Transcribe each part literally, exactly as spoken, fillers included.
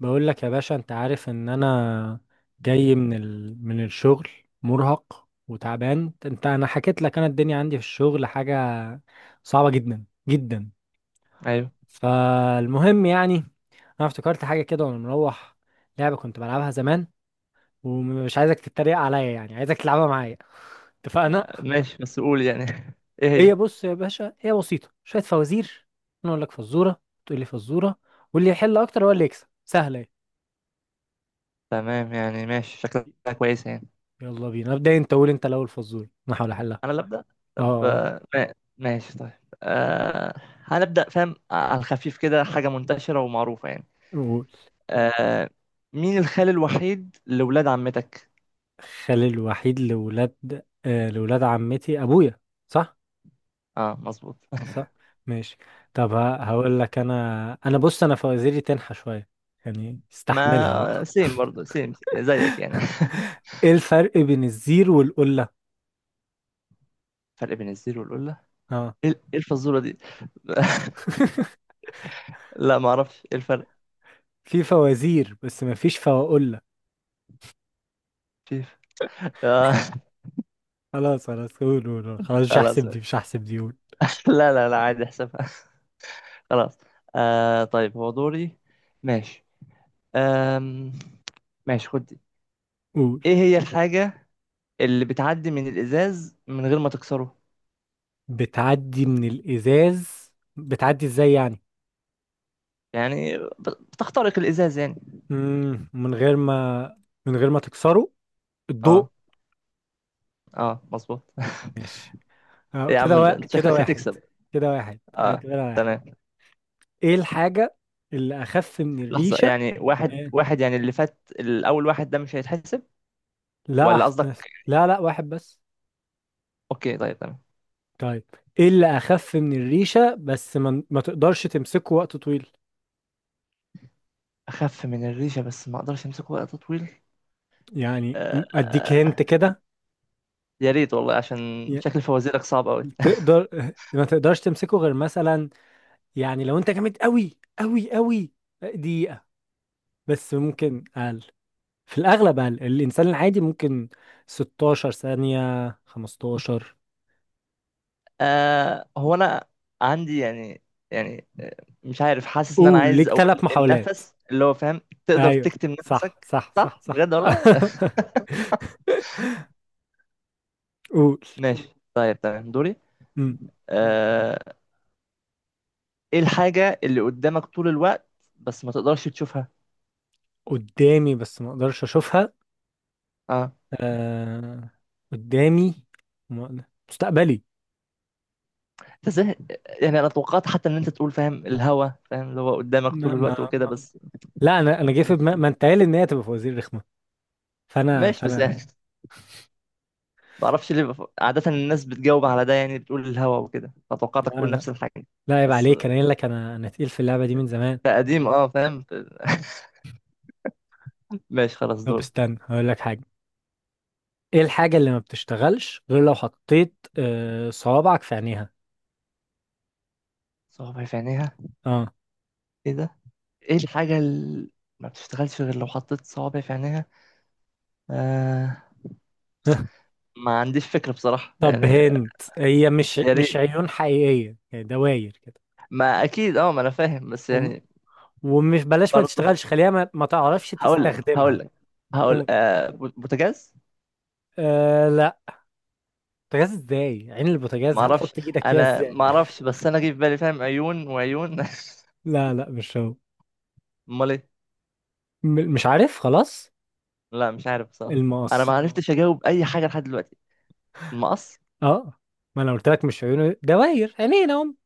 بقول لك يا باشا، انت عارف ان انا جاي من ال... من الشغل مرهق وتعبان. انت، انا حكيت لك، انا الدنيا عندي في الشغل حاجة صعبة جدا جدا. ايوه. فالمهم، يعني انا افتكرت حاجة كده وانا مروح، لعبة كنت بلعبها زمان. ومش عايزك تتريق عليا، يعني عايزك تلعبها معايا، اتفقنا؟ ماشي، بس قول يعني. ايه هي، هي؟ بص يا باشا، هي بسيطة، شوية فوازير. انا اقول لك فزورة، تقول لي فزورة، واللي يحل اكتر هو اللي يكسب. سهلة اهي. تمام، يعني ماشي شكلها كويسه يعني. يلا بينا، ابدا انت، قول انت الاول فزورة، انا هحاول احل. انا اللي ابدا. طب اه، آه، ما- ماشي طيب. أه. هنبدا، فاهم؟ آه، على الخفيف كده، حاجه منتشره ومعروفه يعني. قول. أه. مين الخال الوحيد لولاد عمتك؟ خالي الوحيد لولاد آه لولاد عمتي ابويا. صح. اه، مظبوط. صح. ماشي. طب، ه- هقول لك انا انا بص، انا فوازيري تنحى شويه، يعني استحملها ما بقى. سيم، برضه سيم زيك يعني. ايه الفرق بين الزير والقله؟ فرق بين الزيرو والقله. اه. ايه إيه الفزوره دي؟ لا، ما اعرفش ايه الفرق. في فوازير، بس ما فيش فواقله. في. آه. خلاص خلاص، قول قول قول. خلاص مش خلاص هحسب دي، ماشي. مش هحسب دي، قول. لا، لا، لا، عادي احسبها. خلاص. آه، طيب، هو دوري. ماشي. آم ماشي، خد دي. قول. ايه هي الحاجة اللي بتعدي من الإزاز من غير ما تكسره؟ بتعدي من الازاز. بتعدي ازاي يعني؟ يعني ب- بتخترق الإزاز يعني. مم. من غير ما من غير ما تكسره. الضوء. اه. اه، مظبوط. ماشي. اه، يا كده عم، وا... انت كده شكلك واحد. هتكسب. كده واحد. اه. اعتبرها واحد. تمام. ايه الحاجة اللي اخف من لحظة، الريشة؟ يعني واحد إيه؟ واحد، يعني اللي فات الأول واحد ده مش هيتحسب؟ لا، ولا أحسن. قصدك؟ لا، لا، واحد بس. اوكي، طيب، تمام. طيب، ايه اللي اخف من الريشة بس ما, ما تقدرش تمسكه وقت طويل؟ أخف من الريشة بس ما أقدرش أمسكه وقت طويل؟ يعني آه. م- اديك آه، هنت كده. يا ريت والله، عشان ي- شكل فوازيرك صعب أوي. تقدر ما تقدرش تمسكه غير مثلا، يعني لو انت جامد قوي قوي قوي دقيقة، بس ممكن اقل. في الاغلب اقل، الانسان العادي ممكن ستاشر ثانية، خمستاشر. آه، هو انا عندي، يعني يعني آه، مش عارف، حاسس ان انا قول عايز ليك اقول ثلاث محاولات. النفس، اللي هو فاهم. تقدر ايوه. تكتم صح نفسك؟ صح صح صح، صح. بجد والله. قول. ماشي، طيب، تمام، دوري. مم. آه. ايه الحاجة اللي قدامك طول الوقت بس ما تقدرش تشوفها؟ قدامي بس ما اقدرش اشوفها. اه. آه... قدامي ما- مستقبلي. انت ازاي؟ يعني انا توقعت حتى ان انت تقول، فاهم، الهوا، فاهم اللي هو قدامك طول ما... الوقت ما... وكده ما... بس. لا، انا انا جاي في دماغي ماشي. ما انت قايل ان هي تبقى فوازير رخمه، فانا ماشي، بس فانا يعني ما اعرفش ليه بف- عادة الناس بتجاوب على ده، يعني بتقول الهوا وكده، لا، فتوقعتك تقول لا نفس الحاجة. لا عيب بس عليك، انا قايل لك، انا انا تقيل في اللعبه دي من زمان. لا، قديم، اه، فاهم. ماشي، خلاص، طب دورك. استنى، هقول لك حاجه. ايه الحاجه اللي ما بتشتغلش غير لو حطيت آه، صوابعك في عينيها؟ صوابع في عينيها؟ اه. ايه ده؟ ايه الحاجة اللي ما بتشتغلش غير لو حطيت صوابع في عينيها؟ آه. ما عنديش فكرة بصراحة طب يعني. هنت، هي مش يا مش ريت. عيون حقيقية، هي دواير كده. ما اكيد، اه، ما انا فاهم بس وم- يعني. ومش بلاش ما برضه. تشتغلش، خليها ما, ما تعرفش هقول لك هقول تستخدمها. لك هقول مم. آه بو- بوتاجاز. آه لا، بوتاجاز ازاي؟ عين البوتاجاز ما اعرفش. هتحط ايدك فيها انا ازاي؟ ما اعرفش، بس انا جه في بالي، فاهم، عيون وعيون. لا، لا، مش هو. امال ايه؟ م- مش عارف، خلاص. لا، مش عارف بصراحة. انا ما المقص. عرفتش اجاوب اي حاجة لحد دلوقتي. المقص. اه، ما انا قلت لك مش عيون، دواير عينين اهم،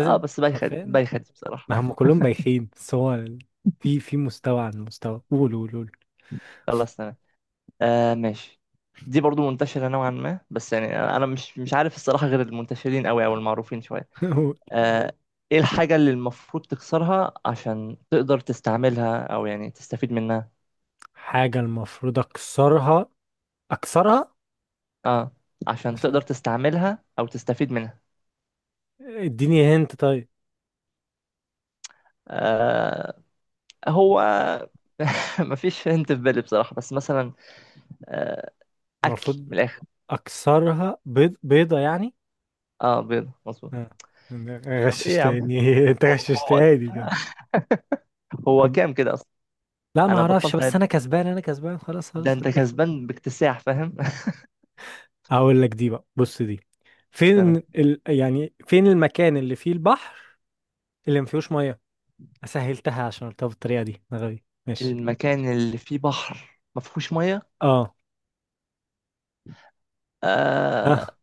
اه، بس بايخد حرفيا. بايخد ما هم بصراحة. كلهم بايخين، بس هو ال- في في مستوى عن مستوى. قول قول قول. خلاص، تمام. آه، ماشي. دي برضو منتشرة نوعا ما، بس يعني أنا أنا مش مش عارف الصراحة، غير المنتشرين أوي أو المعروفين شوية. قول. آه. إيه الحاجة اللي المفروض تكسرها عشان تقدر تستعملها أو يعني تستفيد منها؟ حاجة المفروض اكسرها اكسرها آه، عشان تقدر تستعملها أو تستفيد منها. اديني هنت طيب. آه. هو مفيش هنت في بالي بصراحة، بس مثلا. آه، أكل من المفروض الآخر. اكسرها. بيض، بيضة يعني. آه، بيض مظبوط. آه. طب إيه يا عم؟ غششتني، انت هو هو. غششتني كده. هو طب كام كده أصلا؟ لا، ما أنا اعرفش، بطلت بس أعد. انا كسبان، انا كسبان، خلاص ده خلاص. أنت كسبان باكتساح، فاهم. هقول لك دي بقى، بص دي. فين ال... يعني فين المكان اللي فيه البحر اللي ما فيهوش ميه؟ سهلتها عشان قلتها بالطريقة دي، أنا غبي، ماشي. المكان اللي فيه بحر ما فيهوش ميه؟ اه. آه... اه.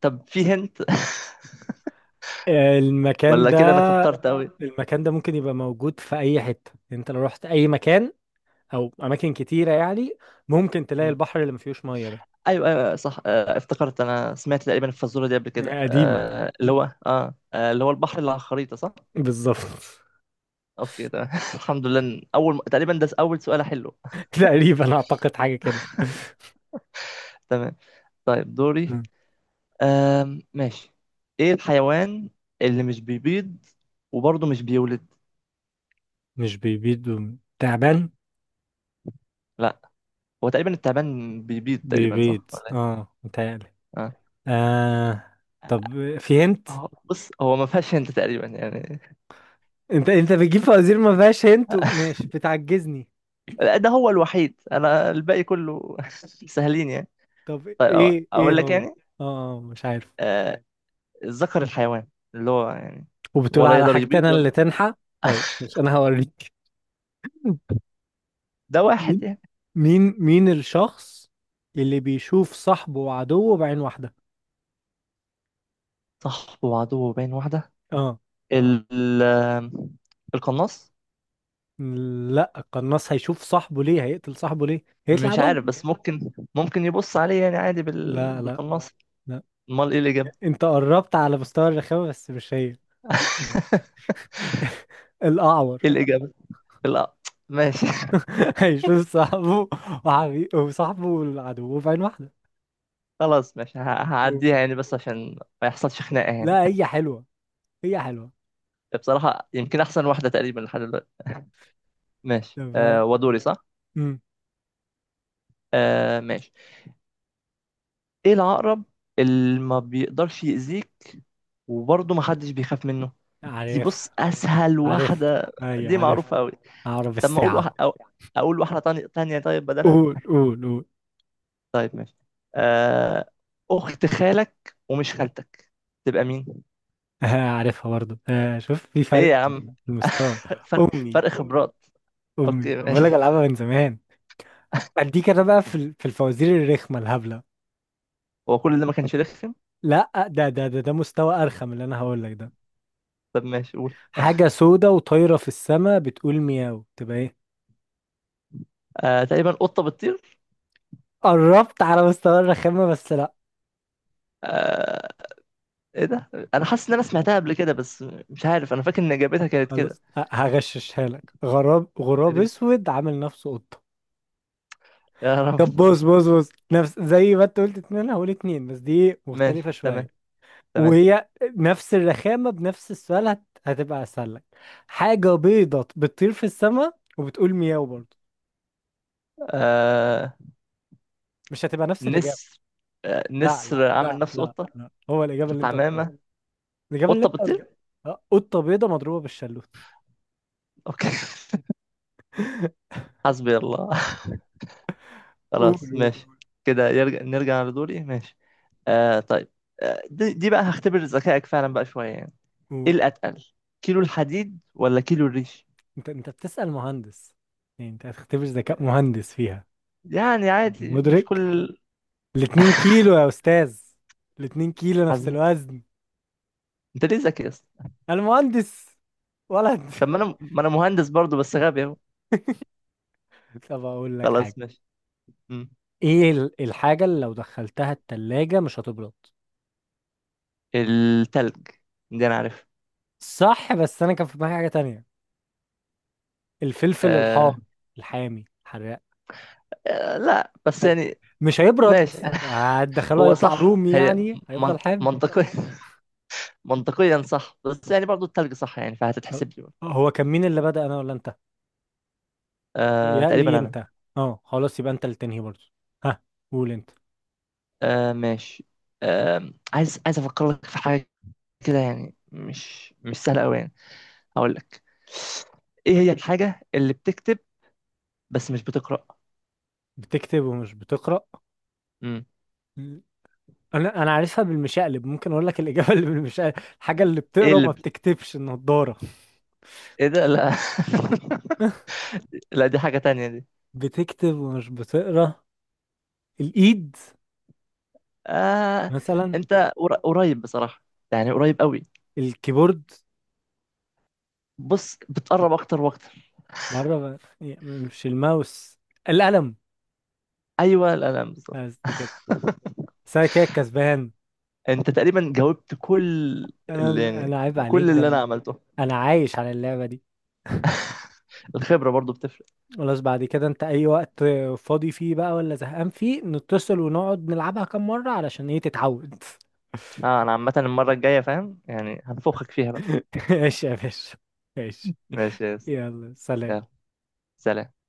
طب فيه هنت؟ المكان ولا كده انا ده كترت قوي؟ المكان ده ممكن يبقى موجود في اي حتة، انت لو رحت اي مكان او اماكن كتيره يعني، ممكن تلاقي مم. البحر اللي ما فيهوش ميه ده. ايوه، ايوه، صح. آه... افتكرت انا سمعت تقريبا الفزوره دي قبل كده، قديمه. آه... اللي هو اه آه، اللي هو البحر اللي على الخريطه، صح. بالظبط. اوكي، تمام. الحمد لله إن اول م- تقريبا ده اول سؤال حلو. تقريبا، اعتقد حاجه كده. تمام. طيب، دوري. مم. آم... ماشي. ايه الحيوان اللي مش بيبيض وبرضه مش بيولد؟ مش بيبيض، وم- تعبان؟ لا، هو تقريبا التعبان بيبيض تقريبا، صح بيبيض، ولا إيه؟ اه، متهيألي. آه. آه. طب في هنت؟ اه، بص هو ما فيهاش هنت تقريبا يعني. انت انت بتجيب فوازير ما فيهاش هنت و- ماشي، بتعجزني. لا، ده هو الوحيد، انا الباقي كله سهلين يعني. طب، طيب أو- ايه ايه اقول لك هو؟ اه. يعني. آه، مش عارف. آه، الذكر الحيوان اللي هو يعني وبتقول ولا على يقدر حاجتي انا يبيض اللي ولا. تنحى؟ طيب، مش انا هوريك. ده واحد مين. يعني. مين مين الشخص اللي بيشوف صاحبه وعدوه بعين واحدة؟ صاحبه وعدوه بين واحدة؟ اه ال ال- القناص. لا، القناص هيشوف صاحبه ليه؟ هيقتل صاحبه ليه؟ هيطلع مش عدو. عارف، بس ممكن ممكن يبص عليه يعني عادي بال... لا، لا، بالقناص. لا. امال ايه الإجابة؟ انت قربت على مستوى الرخامة، بس مش هي. الأعور. ايه الإجابة؟ لا. ماشي. هيشوف صاحبه، وحبي... وصاحبه وعدوه بعين واحدة. خلاص، ماشي، ه- هعديها يعني، بس عشان ما يحصلش خناقة يعني. لا، هي حلوة. هي حلوة. بصراحة يمكن أحسن واحدة تقريبا لحد دلوقتي. ف... ماشي، آه ودوري، صح؟ مم. آه، ماشي. إيه العقرب اللي ما بيقدرش يأذيك وبرضه ما حدش بيخاف منه؟ دي بص عارفها. أسهل عارفها. واحدة. أيوة دي عارفها. معروفة أوي. أعرف طب ما أقول واحد، الساعة. أو أقول واحدة تانية تانية، طيب بدلها؟ قول قول قول. طيب ماشي. آه، أخت خالك ومش خالتك تبقى مين؟ عارفها برضه. آه، شوف في إيه فرق يا عم؟ في المستوى. فرق، امي. فرق امي. خبرات. امي، أوكي، بقول لك ماشي. العبها من زمان. اديك انا بقى في ال- في الفوازير الرخمه الهبله. هو كل ده ما كانش رخم؟ لا، ده ده ده ده مستوى ارخم اللي انا هقول لك ده. طب ماشي، قول. حاجه سودة وطايره في السماء بتقول مياو، تبقى ايه؟ آه، تقريبا قطة بتطير. قربت على مستوى الرخامه، بس لا. آه، ايه ده؟ انا حاسس ان انا سمعتها قبل كده، بس مش عارف، انا فاكر ان اجابتها كانت كده. خلاص ه- هغششها لك. غراب يا غراب ريت. اسود عامل نفسه قطه. يا طب رب. بص بص بص، نفس زي ما انت قلت اتنين، أنا هقول اتنين، بس دي مختلفه ماشي، تمام، شويه، تمام. وهي نفس الرخامة بنفس السؤال، هت... هتبقى أسهل لك. حاجة بيضة بتطير في السماء وبتقول مياو برضه، آه... مش هتبقى نفس الإجابة؟ نسر. آه... لا، لا، نسر عامل لا، نفسه لا، قطة. لا، هو الإجابة اللي أنت قلتها. الحمامة. الإجابة اللي قطة أنت قلتها. بتطير. آه، قطة بيضة مضروبة بالشلوت. اوكي. حسبي الله. قول خلاص، قول ماشي. كده يرجع نرجع لدوري، ماشي. آه... طيب. آه... دي... دي بقى هختبر ذكائك فعلا بقى شوية يعني. ايه قول. الاتقل، كيلو الحديد ولا كيلو الريش؟ أنت أنت بتسأل مهندس، يعني أنت هتختبر ذكاء مهندس فيها؟ يعني عادي، مش مدرك. كل. الاتنين كيلو يا أستاذ، الاتنين كيلو حظ. نفس الوزن. انت ليه ذكي يا اسطى؟ أنا مهندس ولد. طب ما انا ما انا مهندس برضو بس غبي اهو. طب أقول لك حاجة. خلاص، ماشي. مم. ايه ال- الحاجة اللي لو دخلتها التلاجة مش هتبرد؟ التلج. دي انا عارف. صح، بس انا كان في دماغي حاجة تانية. الفلفل الحار، آه... الحامي حراق، آه، لا بس يعني. مش هيبرد. ماشي. هتدخله هو هيطلع صح رومي، هي. يعني من... هيفضل حامي. منطقيا. منطقيا صح، بس يعني برضو التلج صح يعني خل- فهتتحسب لي برضو. هو كان مين اللي بدأ، انا ولا انت؟ آه... يا لي تقريبا انا. انت. اه، خلاص، يبقى انت اللي تنهي برضه. ها، قول انت. آه... ماشي. آه... عايز عايز افكر لك في حاجة كده، يعني مش مش سهلة قوي يعني. هقول لك. ايه هي الحاجة اللي بتكتب بس مش بتقرأ؟ بتكتب ومش بتقرأ. مم. مم. انا انا عارفها بالمشقلب. ممكن اقول لك الاجابه اللي بالمشقلب. الحاجه اللي ايه بتقرا اللي وما ب- بتكتبش، النضاره. ايه ده، لا. لا، دي حاجة تانية دي. بتكتب ومش بتقرا. الايد. آه. مثلا. انت قر- قريب بصراحة، يعني قريب قوي. الكيبورد. بص بتقرب اكتر واكتر. بره. مش الماوس. القلم. ايوه، الالم بالظبط. قصدي كده، بس انا كده كسبان. انت تقريبا جاوبت كل اللي انا يعني أنا عيب عليك، كل ده اللي أنا. انا عملته. أنا عايش على اللعبة دي. الخبرة برضو بتفرق. خلاص، بعد كده انت اي وقت فاضي فيه بقى، ولا زهقان فيه، نتصل ونقعد نلعبها كام مرة علشان ايه؟ تتعود. اه، انا عامة المرة الجاية، فاهم، يعني هنفخك فيها بقى. ماشي يا باشا. ماشي. ماشي يا يس. يلا سلام. يلا سلام.